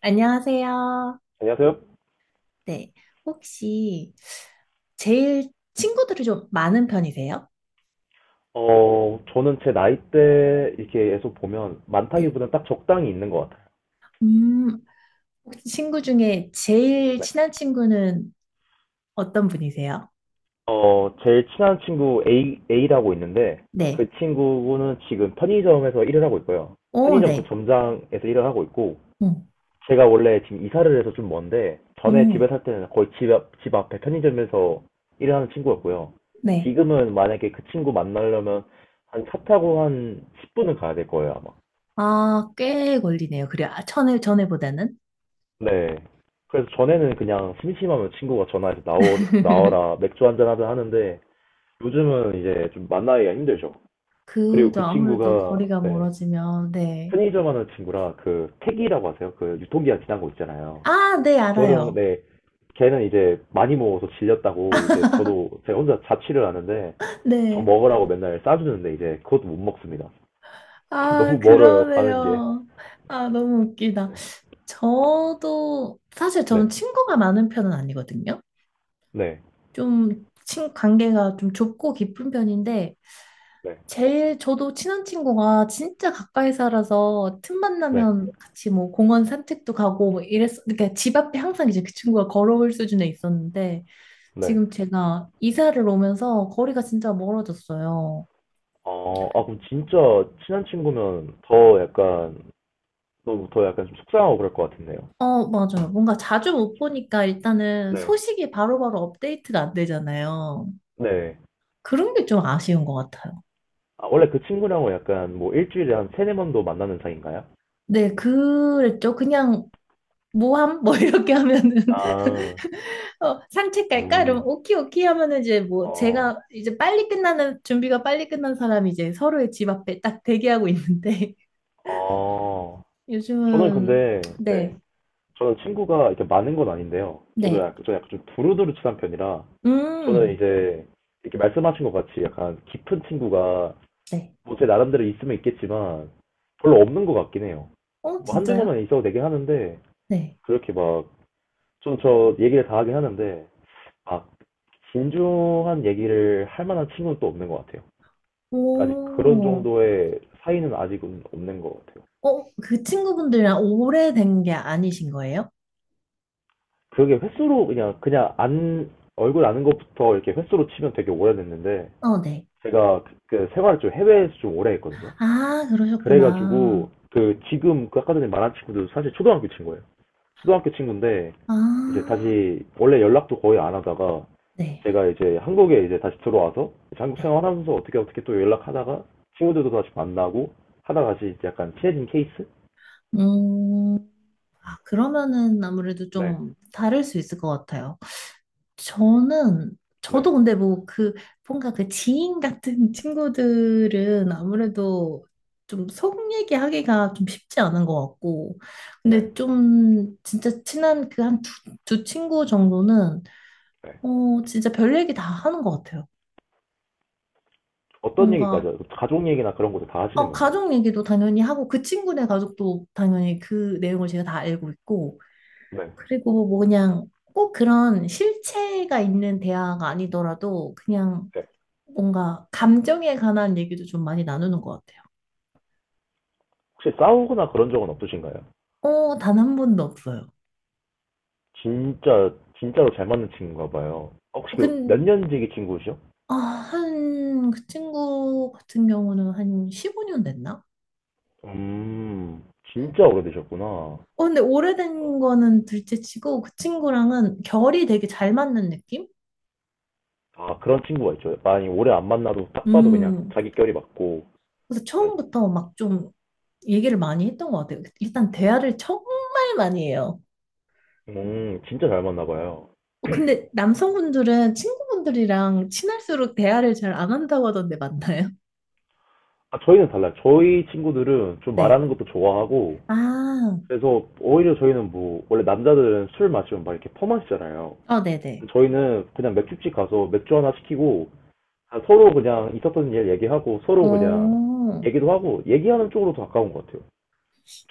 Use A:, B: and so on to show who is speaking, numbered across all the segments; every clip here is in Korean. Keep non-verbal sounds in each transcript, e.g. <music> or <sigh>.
A: 안녕하세요.
B: 안녕하세요.
A: 네. 혹시 제일 친구들이 좀 많은 편이세요?
B: 저는 제 나이대 이렇게 계속 보면
A: 네.
B: 많다기보다는 딱 적당히 있는 것 같아요.
A: 음, 혹시 친구 중에 제일
B: 네.
A: 친한 친구는 어떤 분이세요?
B: 제일 친한 친구 A라고 있는데 그
A: 네.
B: 친구는 지금 편의점에서 일을 하고 있고요.
A: 오,
B: 편의점 그
A: 네.
B: 점장에서 일을 하고 있고
A: 음,
B: 제가 원래 지금 이사를 해서 좀 먼데 전에 집에
A: 음,
B: 살 때는 거의 집 앞에 편의점에서 일을 하는 친구였고요.
A: 네.
B: 지금은 만약에 그 친구 만나려면 한 차 타고 한 10분은 가야 될 거예요, 아마.
A: 아, 꽤 걸리네요. 그래요. 아, 전에, 전에보다는.
B: 네. 그래서 전에는 그냥 심심하면 친구가 전화해서 나와라,
A: <laughs>
B: 맥주 한잔 하자 하는데 요즘은 이제 좀 만나기가 힘들죠. 그리고
A: 그도
B: 그
A: 아무래도
B: 친구가,
A: 거리가
B: 네,
A: 멀어지면, 네.
B: 편의점 하는 친구라 그 택이라고 하세요. 그 유통기한 지난 거 있잖아요.
A: 아, 네,
B: 그거랑,
A: 알아요.
B: 네, 걔는 이제 많이 먹어서 질렸다고 이제 저도 제가 혼자 자취를 하는데
A: <laughs>
B: 저
A: 네.
B: 먹으라고 맨날 싸주는데 이제 그것도 못 먹습니다. <laughs>
A: 아,
B: 너무 멀어요, 가는 게.
A: 그러네요. 아, 너무 웃기다. 저도 사실 저는
B: 네,
A: 친구가 많은 편은 아니거든요.
B: 네,
A: 좀 관계가 좀 좁고 깊은 편인데
B: 네,
A: 제일 저도 친한 친구가 진짜 가까이 살아서 틈만
B: 네,
A: 나면 같이 뭐 공원 산책도 가고 뭐 이랬 그러니까 집 앞에 항상 이제 그 친구가 걸어올 수준에 있었는데
B: 네.
A: 지금 제가 이사를 오면서 거리가 진짜 멀어졌어요.
B: 그럼 진짜 친한 친구면 더 약간, 더 약간 좀 속상하고 그럴 것 같은데요.
A: 어, 맞아요. 뭔가 자주 못 보니까 일단은
B: 네.
A: 소식이 바로바로 업데이트가 안 되잖아요.
B: 네.
A: 그런 게 좀 아쉬운 것 같아요.
B: 아, 원래 그 친구랑은 약간 뭐 일주일에 한 세네 번도 만나는 사이인가요?
A: 네, 그랬죠. 그냥 모함 뭐 이렇게 하면은 <laughs>
B: 아,
A: 어, 산책 갈까? 이러면
B: 음,
A: 오키 오키 하면은 이제 뭐
B: 어,
A: 제가 이제 빨리 끝나는 준비가 빨리 끝난 사람이 이제 서로의 집 앞에 딱 대기하고 있는데 <laughs>
B: 어. 저는
A: 요즘은
B: 근데, 네.
A: 네.
B: 저는 친구가 이렇게 많은 건 아닌데요. 저도
A: 네.
B: 약간, 저 약간 좀 두루두루 친한 편이라, 저는
A: 음.
B: 이제, 이렇게 말씀하신 것 같이 약간 깊은 친구가
A: 네.
B: 뭐 제 나름대로 있으면 있겠지만 별로 없는 것 같긴 해요.
A: 어,
B: 뭐 한두
A: 진짜요?
B: 명만 있어도 되긴 하는데
A: 네.
B: 그렇게 막 좀 저 얘기를 다 하긴 하는데 막 진중한 얘기를 할 만한 친구는 또 없는 것 같아요. 아직 그런
A: 오.
B: 정도의 사이는 아직은 없는 것 같아요.
A: 어, 그 친구분들이랑 오래된 게 아니신 거예요?
B: 그게 횟수로 그냥 안 얼굴 아는 것부터 이렇게 횟수로 치면 되게 오래됐는데
A: 어, 네.
B: 제가 그 생활을 좀 해외에서 좀 오래 했거든요.
A: 아, 그러셨구나.
B: 그래가지고 그 지금 그 아까 전에 말한 친구들도 사실 초등학교 친구예요. 초등학교 친구인데 이제
A: 아.
B: 다시 원래 연락도 거의 안 하다가
A: 네.
B: 제가 이제 한국에 이제 다시 들어와서 이제 한국
A: 네.
B: 생활하면서 어떻게 어떻게 또 연락하다가 친구들도 다시 만나고 하다가 다시 이제 약간 친해진 케이스?
A: 음. 아, 그러면은 아무래도
B: 네,
A: 좀 다를 수 있을 것 같아요. 저는,
B: 네,
A: 저도 근데 뭐 뭔가 그 지인 같은 <laughs> 친구들은 아무래도 좀 속 얘기하기가 좀 쉽지 않은 것 같고.
B: 네,
A: 근데 좀 진짜 친한 그 한 두 친구 정도는,
B: 네.
A: 어, 진짜 별 얘기 다 하는 것 같아요.
B: 어떤 얘기까지
A: 뭔가,
B: 하죠? 가족 얘기나 그런 것도 다 하시는 건가요?
A: 가족 얘기도 당연히 하고, 그 친구네 가족도 당연히 그 내용을 제가 다 알고 있고,
B: 네.
A: 그리고 뭐 그냥 꼭 그런 실체가 있는 대화가 아니더라도 그냥
B: 네.
A: 뭔가 감정에 관한 얘기도 좀 많이 나누는 것 같아요.
B: 혹시 싸우거나 그런 적은 없으신가요?
A: 어, 단 한 번도 없어요.
B: 진짜 진짜로 잘 맞는 친구인가 봐요. 혹시 그 몇
A: 근,
B: 년지기 친구시죠?
A: 아, 그 친구 같은 경우는 한 15년 됐나?
B: 음, 진짜 오래되셨구나.
A: 어, 근데 오래된 거는 둘째 치고 그 친구랑은 결이 되게 잘 맞는 느낌?
B: 아, 그런 친구가 있죠. 많이 오래 안 만나도 딱 봐도 그냥
A: 음,
B: 자기 결이 맞고.
A: 그래서 처음부터 막 좀 얘기를 많이 했던 것 같아요. 일단 대화를 정말 많이 해요.
B: 진짜 잘 맞나 봐요.
A: 어, 근데 남성분들은 친구분들이랑 친할수록 대화를 잘 안 한다고 하던데 맞나요?
B: 아, 저희는 달라요. 저희 친구들은
A: <laughs>
B: 좀 말하는
A: 네.
B: 것도 좋아하고,
A: 아,
B: 그래서 오히려 저희는 뭐, 원래 남자들은 술 마시면 막 이렇게 퍼마시잖아요.
A: 어, 네네.
B: 저희는 그냥 맥주집 가서 맥주 하나 시키고, 아, 서로 그냥 있었던 일 얘기하고, 서로 그냥
A: 어,
B: 얘기도 하고, 얘기하는 쪽으로 더 가까운 것 같아요.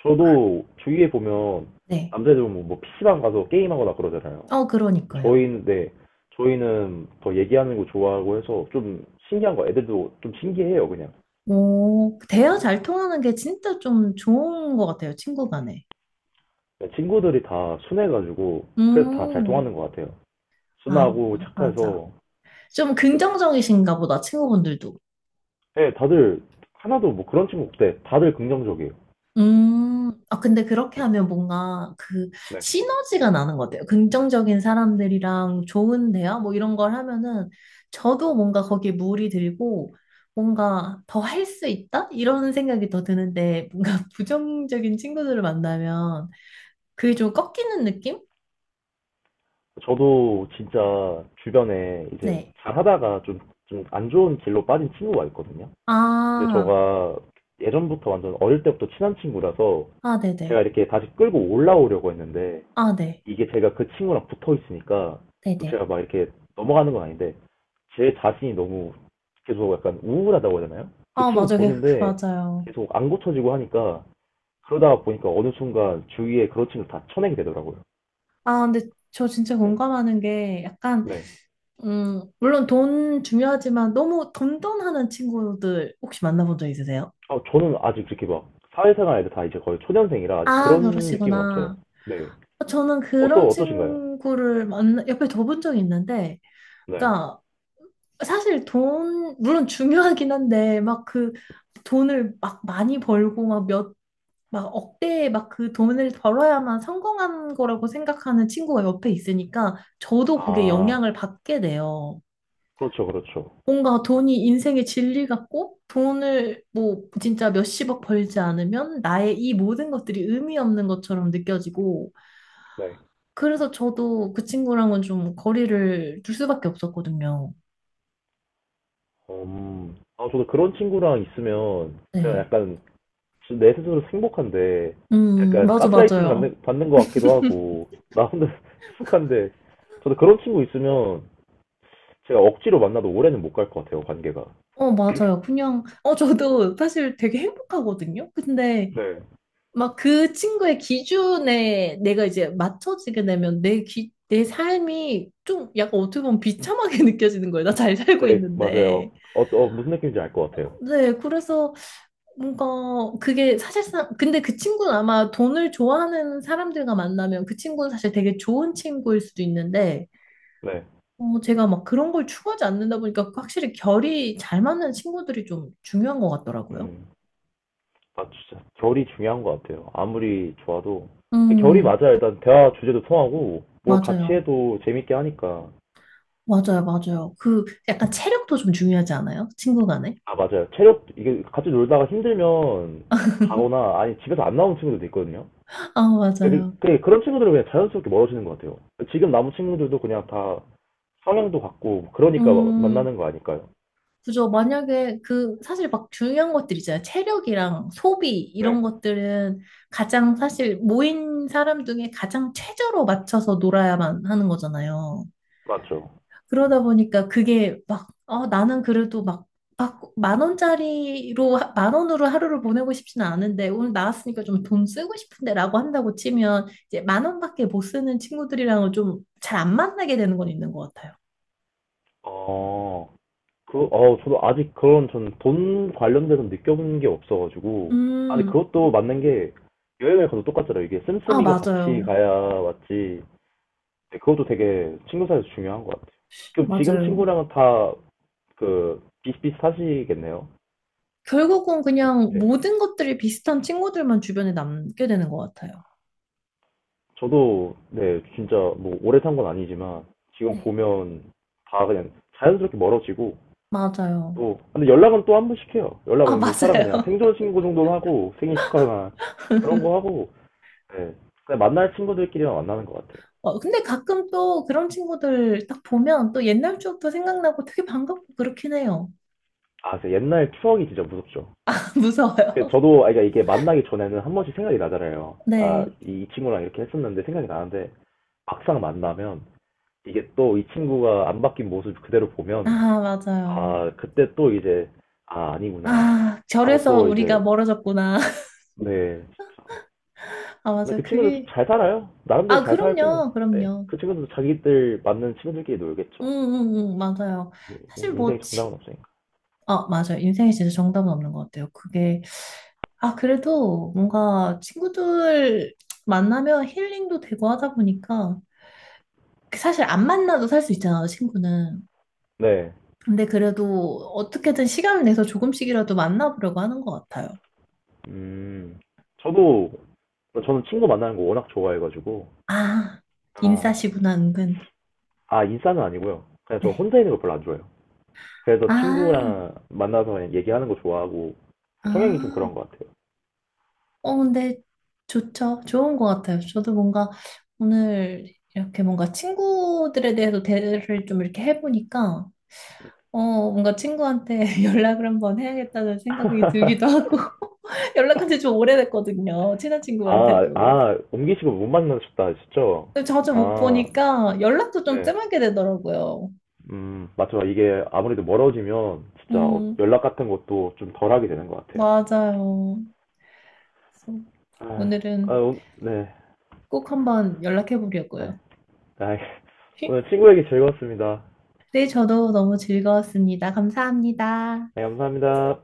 B: 저도 주위에 보면
A: 네.
B: 남자애들 보면 뭐 PC방 가서 게임하거나 그러잖아요.
A: 어, 그러니까요.
B: 저희인데 저희는 더 얘기하는 거 좋아하고 해서 좀 신기한 거 애들도 좀 신기해요 그냥.
A: 오,
B: 네.
A: 대화 잘 통하는 게 진짜 좀 좋은 것 같아요, 친구 간에.
B: 그러니까 친구들이 다 순해가지고 그래서 다 잘
A: 음,
B: 통하는 것 같아요.
A: 아,
B: 순하고
A: 맞아.
B: 착해서
A: 좀 긍정적이신가 보다, 친구분들도.
B: 네, 다들 하나도 뭐 그런 친구 없대. 다들 긍정적이에요.
A: 아, 근데 그렇게 하면 뭔가 그
B: 네.
A: 시너지가 나는 것 같아요. 긍정적인 사람들이랑 좋은 대화 뭐 이런 걸 하면은 저도 뭔가 거기에 물이 들고 뭔가 더 할 수 있다? 이런 생각이 더 드는데 뭔가 <laughs> 부정적인 친구들을 만나면 그게 좀 꺾이는 느낌?
B: 저도 진짜 주변에 이제
A: 네.
B: 잘하다가 좀 안 좋은 길로 빠진 친구가 있거든요. 근데
A: 아,
B: 저가 예전부터 완전 어릴 때부터 친한 친구라서
A: 아,
B: 제가
A: 네네.
B: 이렇게 다시 끌고 올라오려고 했는데
A: 아, 네.
B: 이게 제가 그 친구랑 붙어 있으니까 뭐
A: 네네.
B: 제가 막 이렇게 넘어가는 건 아닌데 제 자신이 너무 계속 약간 우울하다고 해야 되나요? 그
A: 아, 맞아요.
B: 친구
A: 그
B: 보는데
A: 맞아요.
B: 계속 안 고쳐지고 하니까 그러다가 보니까 어느 순간 주위에 그런 친구 다 쳐내게 되더라고요.
A: 아, 근데 저 진짜
B: 네.
A: 공감하는 게 약간
B: 네.
A: 물론 돈 중요하지만 너무 돈돈하는 친구들 혹시 만나본 적 있으세요?
B: 아, 저는 아직 그렇게 막 사회생활에도 다 이제 거의 초년생이라 아직
A: 아,
B: 그런 느낌은 없어요.
A: 그러시구나.
B: 네.
A: 저는 그런
B: 어떠신가요?
A: 친구를 옆에 둬본 적이 있는데,
B: 네.
A: 그러니까 사실 돈, 물론 중요하긴 한데, 막 그 돈을 막 많이 벌고 막 막 억대의 막 그 돈을 벌어야만 성공한 거라고 생각하는 친구가 옆에 있으니까 저도 그게
B: 아,
A: 영향을 받게 돼요.
B: 그렇죠, 그렇죠.
A: 뭔가 돈이 인생의 진리 같고 돈을 뭐 진짜 몇십억 벌지 않으면 나의 이 모든 것들이 의미 없는 것처럼 느껴지고
B: 네.
A: 그래서 저도 그 친구랑은 좀 거리를 둘 수밖에 없었거든요.
B: 아, 저도 그런 친구랑 있으면 그냥
A: 네.
B: 약간 내 스스로 행복한데 약간
A: 맞아,
B: 가스라이팅
A: 맞아요.
B: 받는 것 같기도 하고 나 혼자 <laughs> 익숙한데 저도 그런 친구 있으면 제가 억지로 만나도 오래는 못 갈 것 같아요, 관계가.
A: 어, 맞아요. 그냥, 저도 사실 되게 행복하거든요. 근데 막 그 친구의 기준에 내가 이제 맞춰지게 되면 내 삶이 좀 약간 어떻게 보면 비참하게 <laughs> 느껴지는 거예요. 나 잘 살고
B: 네, 맞아요.
A: 있는데.
B: 무슨 느낌인지 알 것 같아요.
A: 네, 그래서 뭔가 그게 사실상 근데 그 친구는 아마 돈을 좋아하는 사람들과 만나면 그 친구는 사실 되게 좋은 친구일 수도 있는데
B: 네.
A: 제가 막 그런 걸 추구하지 않는다 보니까 그 확실히 결이 잘 맞는 친구들이 좀 중요한 것 같더라고요.
B: 음, 아, 진짜 결이 중요한 것 같아요. 아무리 좋아도 결이
A: 음,
B: 맞아야 일단 대화 주제도 통하고 뭘 같이
A: 맞아요.
B: 해도 재밌게 하니까.
A: 맞아요, 맞아요. 그 약간 체력도 좀 중요하지 않아요? 친구 간에?
B: 아, 맞아요. 체력, 이게 같이 놀다가 힘들면 가거나, 아니, 집에서 안 나오는 친구들도 있거든요.
A: 아, 맞아요.
B: 그런 친구들은 그냥 자연스럽게 멀어지는 것 같아요. 지금 남은 친구들도 그냥 다 성향도 같고, 그러니까
A: 음,
B: 만나는 거 아닐까요?
A: 그죠. 만약에 그 사실 막 중요한 것들 있잖아요. 체력이랑 소비 이런
B: 네.
A: 것들은 가장 사실 모인 사람 중에 가장 최저로 맞춰서 놀아야만 하는 거잖아요.
B: 맞죠.
A: 그러다 보니까 그게 막, 나는 그래도 막, 막 만 원짜리로, 만 원으로 하루를 보내고 싶지는 않은데 오늘 나왔으니까 좀 돈 쓰고 싶은데 라고 한다고 치면 이제 만 원밖에 못 쓰는 친구들이랑은 좀 잘 안 만나게 되는 건 있는 것 같아요.
B: 어, 저도 아직 그런, 전 돈 관련돼서 느껴본 게 없어가지고. 아니,
A: 음,
B: 그것도 맞는 게, 여행을 가도 똑같잖아요. 이게
A: 아,
B: 씀씀이가 같이
A: 맞아요.
B: 가야 맞지. 네, 그것도 되게 친구 사이에서 중요한 것 같아요. 지금
A: 맞아요.
B: 친구랑은 다 그 비슷비슷하시겠네요.
A: 결국은 그냥
B: 네.
A: 모든 것들이 비슷한 친구들만 주변에 남게 되는 것 같아요.
B: 저도 네, 진짜 뭐 오래 산 건 아니지만 지금
A: 네.
B: 보면 다 그냥 자연스럽게 멀어지고
A: 맞아요.
B: 또 근데 연락은 또 한 번씩 해요.
A: 아,
B: 연락은 뭐 살아 그냥
A: 맞아요.
B: 생존 신고 정도는 하고 생일 축하나 그런 거 하고 네. 그냥 만날 친구들끼리만 만나는 것 같아요.
A: <laughs> 어, 근데 가끔 또 그런 친구들 딱 보면 또 옛날 추억도 생각나고 되게 반갑고 그렇긴 해요.
B: 아, 그 옛날 추억이 진짜 무섭죠.
A: <laughs>
B: 그
A: 무서워요.
B: 저도 아 그러니까 이게 만나기 전에는 한 번씩 생각이 나잖아요. 아,
A: 네.
B: 이 친구랑 이렇게 했었는데 생각이 나는데 막상 만나면 이게 또 이 친구가 안 바뀐 모습 그대로
A: 아,
B: 보면
A: 맞아요.
B: 아 그때 또 이제 아 아니구나
A: 아,
B: 하고
A: 절에서
B: 또
A: 우리가
B: 이제
A: 멀어졌구나. <laughs>
B: 네 진짜
A: 아,
B: 근데
A: 맞아요.
B: 그 친구들도
A: 그게.
B: 잘 살아요
A: 아,
B: 나름대로 잘 살고
A: 그럼요.
B: 네
A: 그럼요.
B: 그 친구들도 자기들 맞는 친구들끼리
A: 응,
B: 놀겠죠
A: 응, 응, 맞아요.
B: 예, 예,
A: 사실 뭐,
B: 인생에 정답은 없으니까
A: 아, 맞아요. 인생에 진짜 정답은 없는 것 같아요. 그게 아, 그래도 뭔가 친구들 만나면 힐링도 되고 하다 보니까 그 사실 안 만나도 살 수 있잖아, 친구는. 근데 그래도 어떻게든 시간을 내서 조금씩이라도 만나보려고 하는 것 같아요.
B: 네음 저도 저는 친구 만나는 거 워낙 좋아해가지고
A: 아,
B: 아,
A: 인싸시구나, 은근.
B: 아 인싸는 아니고요 그냥 저
A: 네.
B: 혼자 있는 거 별로 안 좋아해요 그래서
A: 아,
B: 친구랑 만나서 얘기하는 거 좋아하고 성향이 좀
A: 아.
B: 그런 것 같아요
A: 어, 근데 좋죠. 좋은 것 같아요. 저도 뭔가 오늘 이렇게 뭔가 친구들에 대해서 대화를 좀 이렇게 해보니까 뭔가 친구한테 <laughs> 연락을 한번 해야겠다는 생각이 들기도
B: <laughs>
A: 하고, <laughs> 연락한 지 좀 오래됐거든요. 친한 친구한테도.
B: 아, 옮기시고 못 만나셨다 하셨죠?
A: 근데 자주 못
B: 아,
A: 보니까 연락도 좀
B: 네.
A: 뜸하게 되더라고요.
B: 맞죠. 이게 아무래도 멀어지면 진짜
A: 음,
B: 연락 같은 것도 좀 덜하게 되는 것 같아요.
A: 맞아요. 그래서
B: 아,
A: 오늘은
B: 네,
A: 꼭 한번 연락해
B: 네.
A: 보려고요.
B: 아, <laughs> 오늘
A: <laughs>
B: 친구 얘기 즐거웠습니다.
A: 네, 저도 너무 즐거웠습니다. 감사합니다.
B: 네, 감사합니다.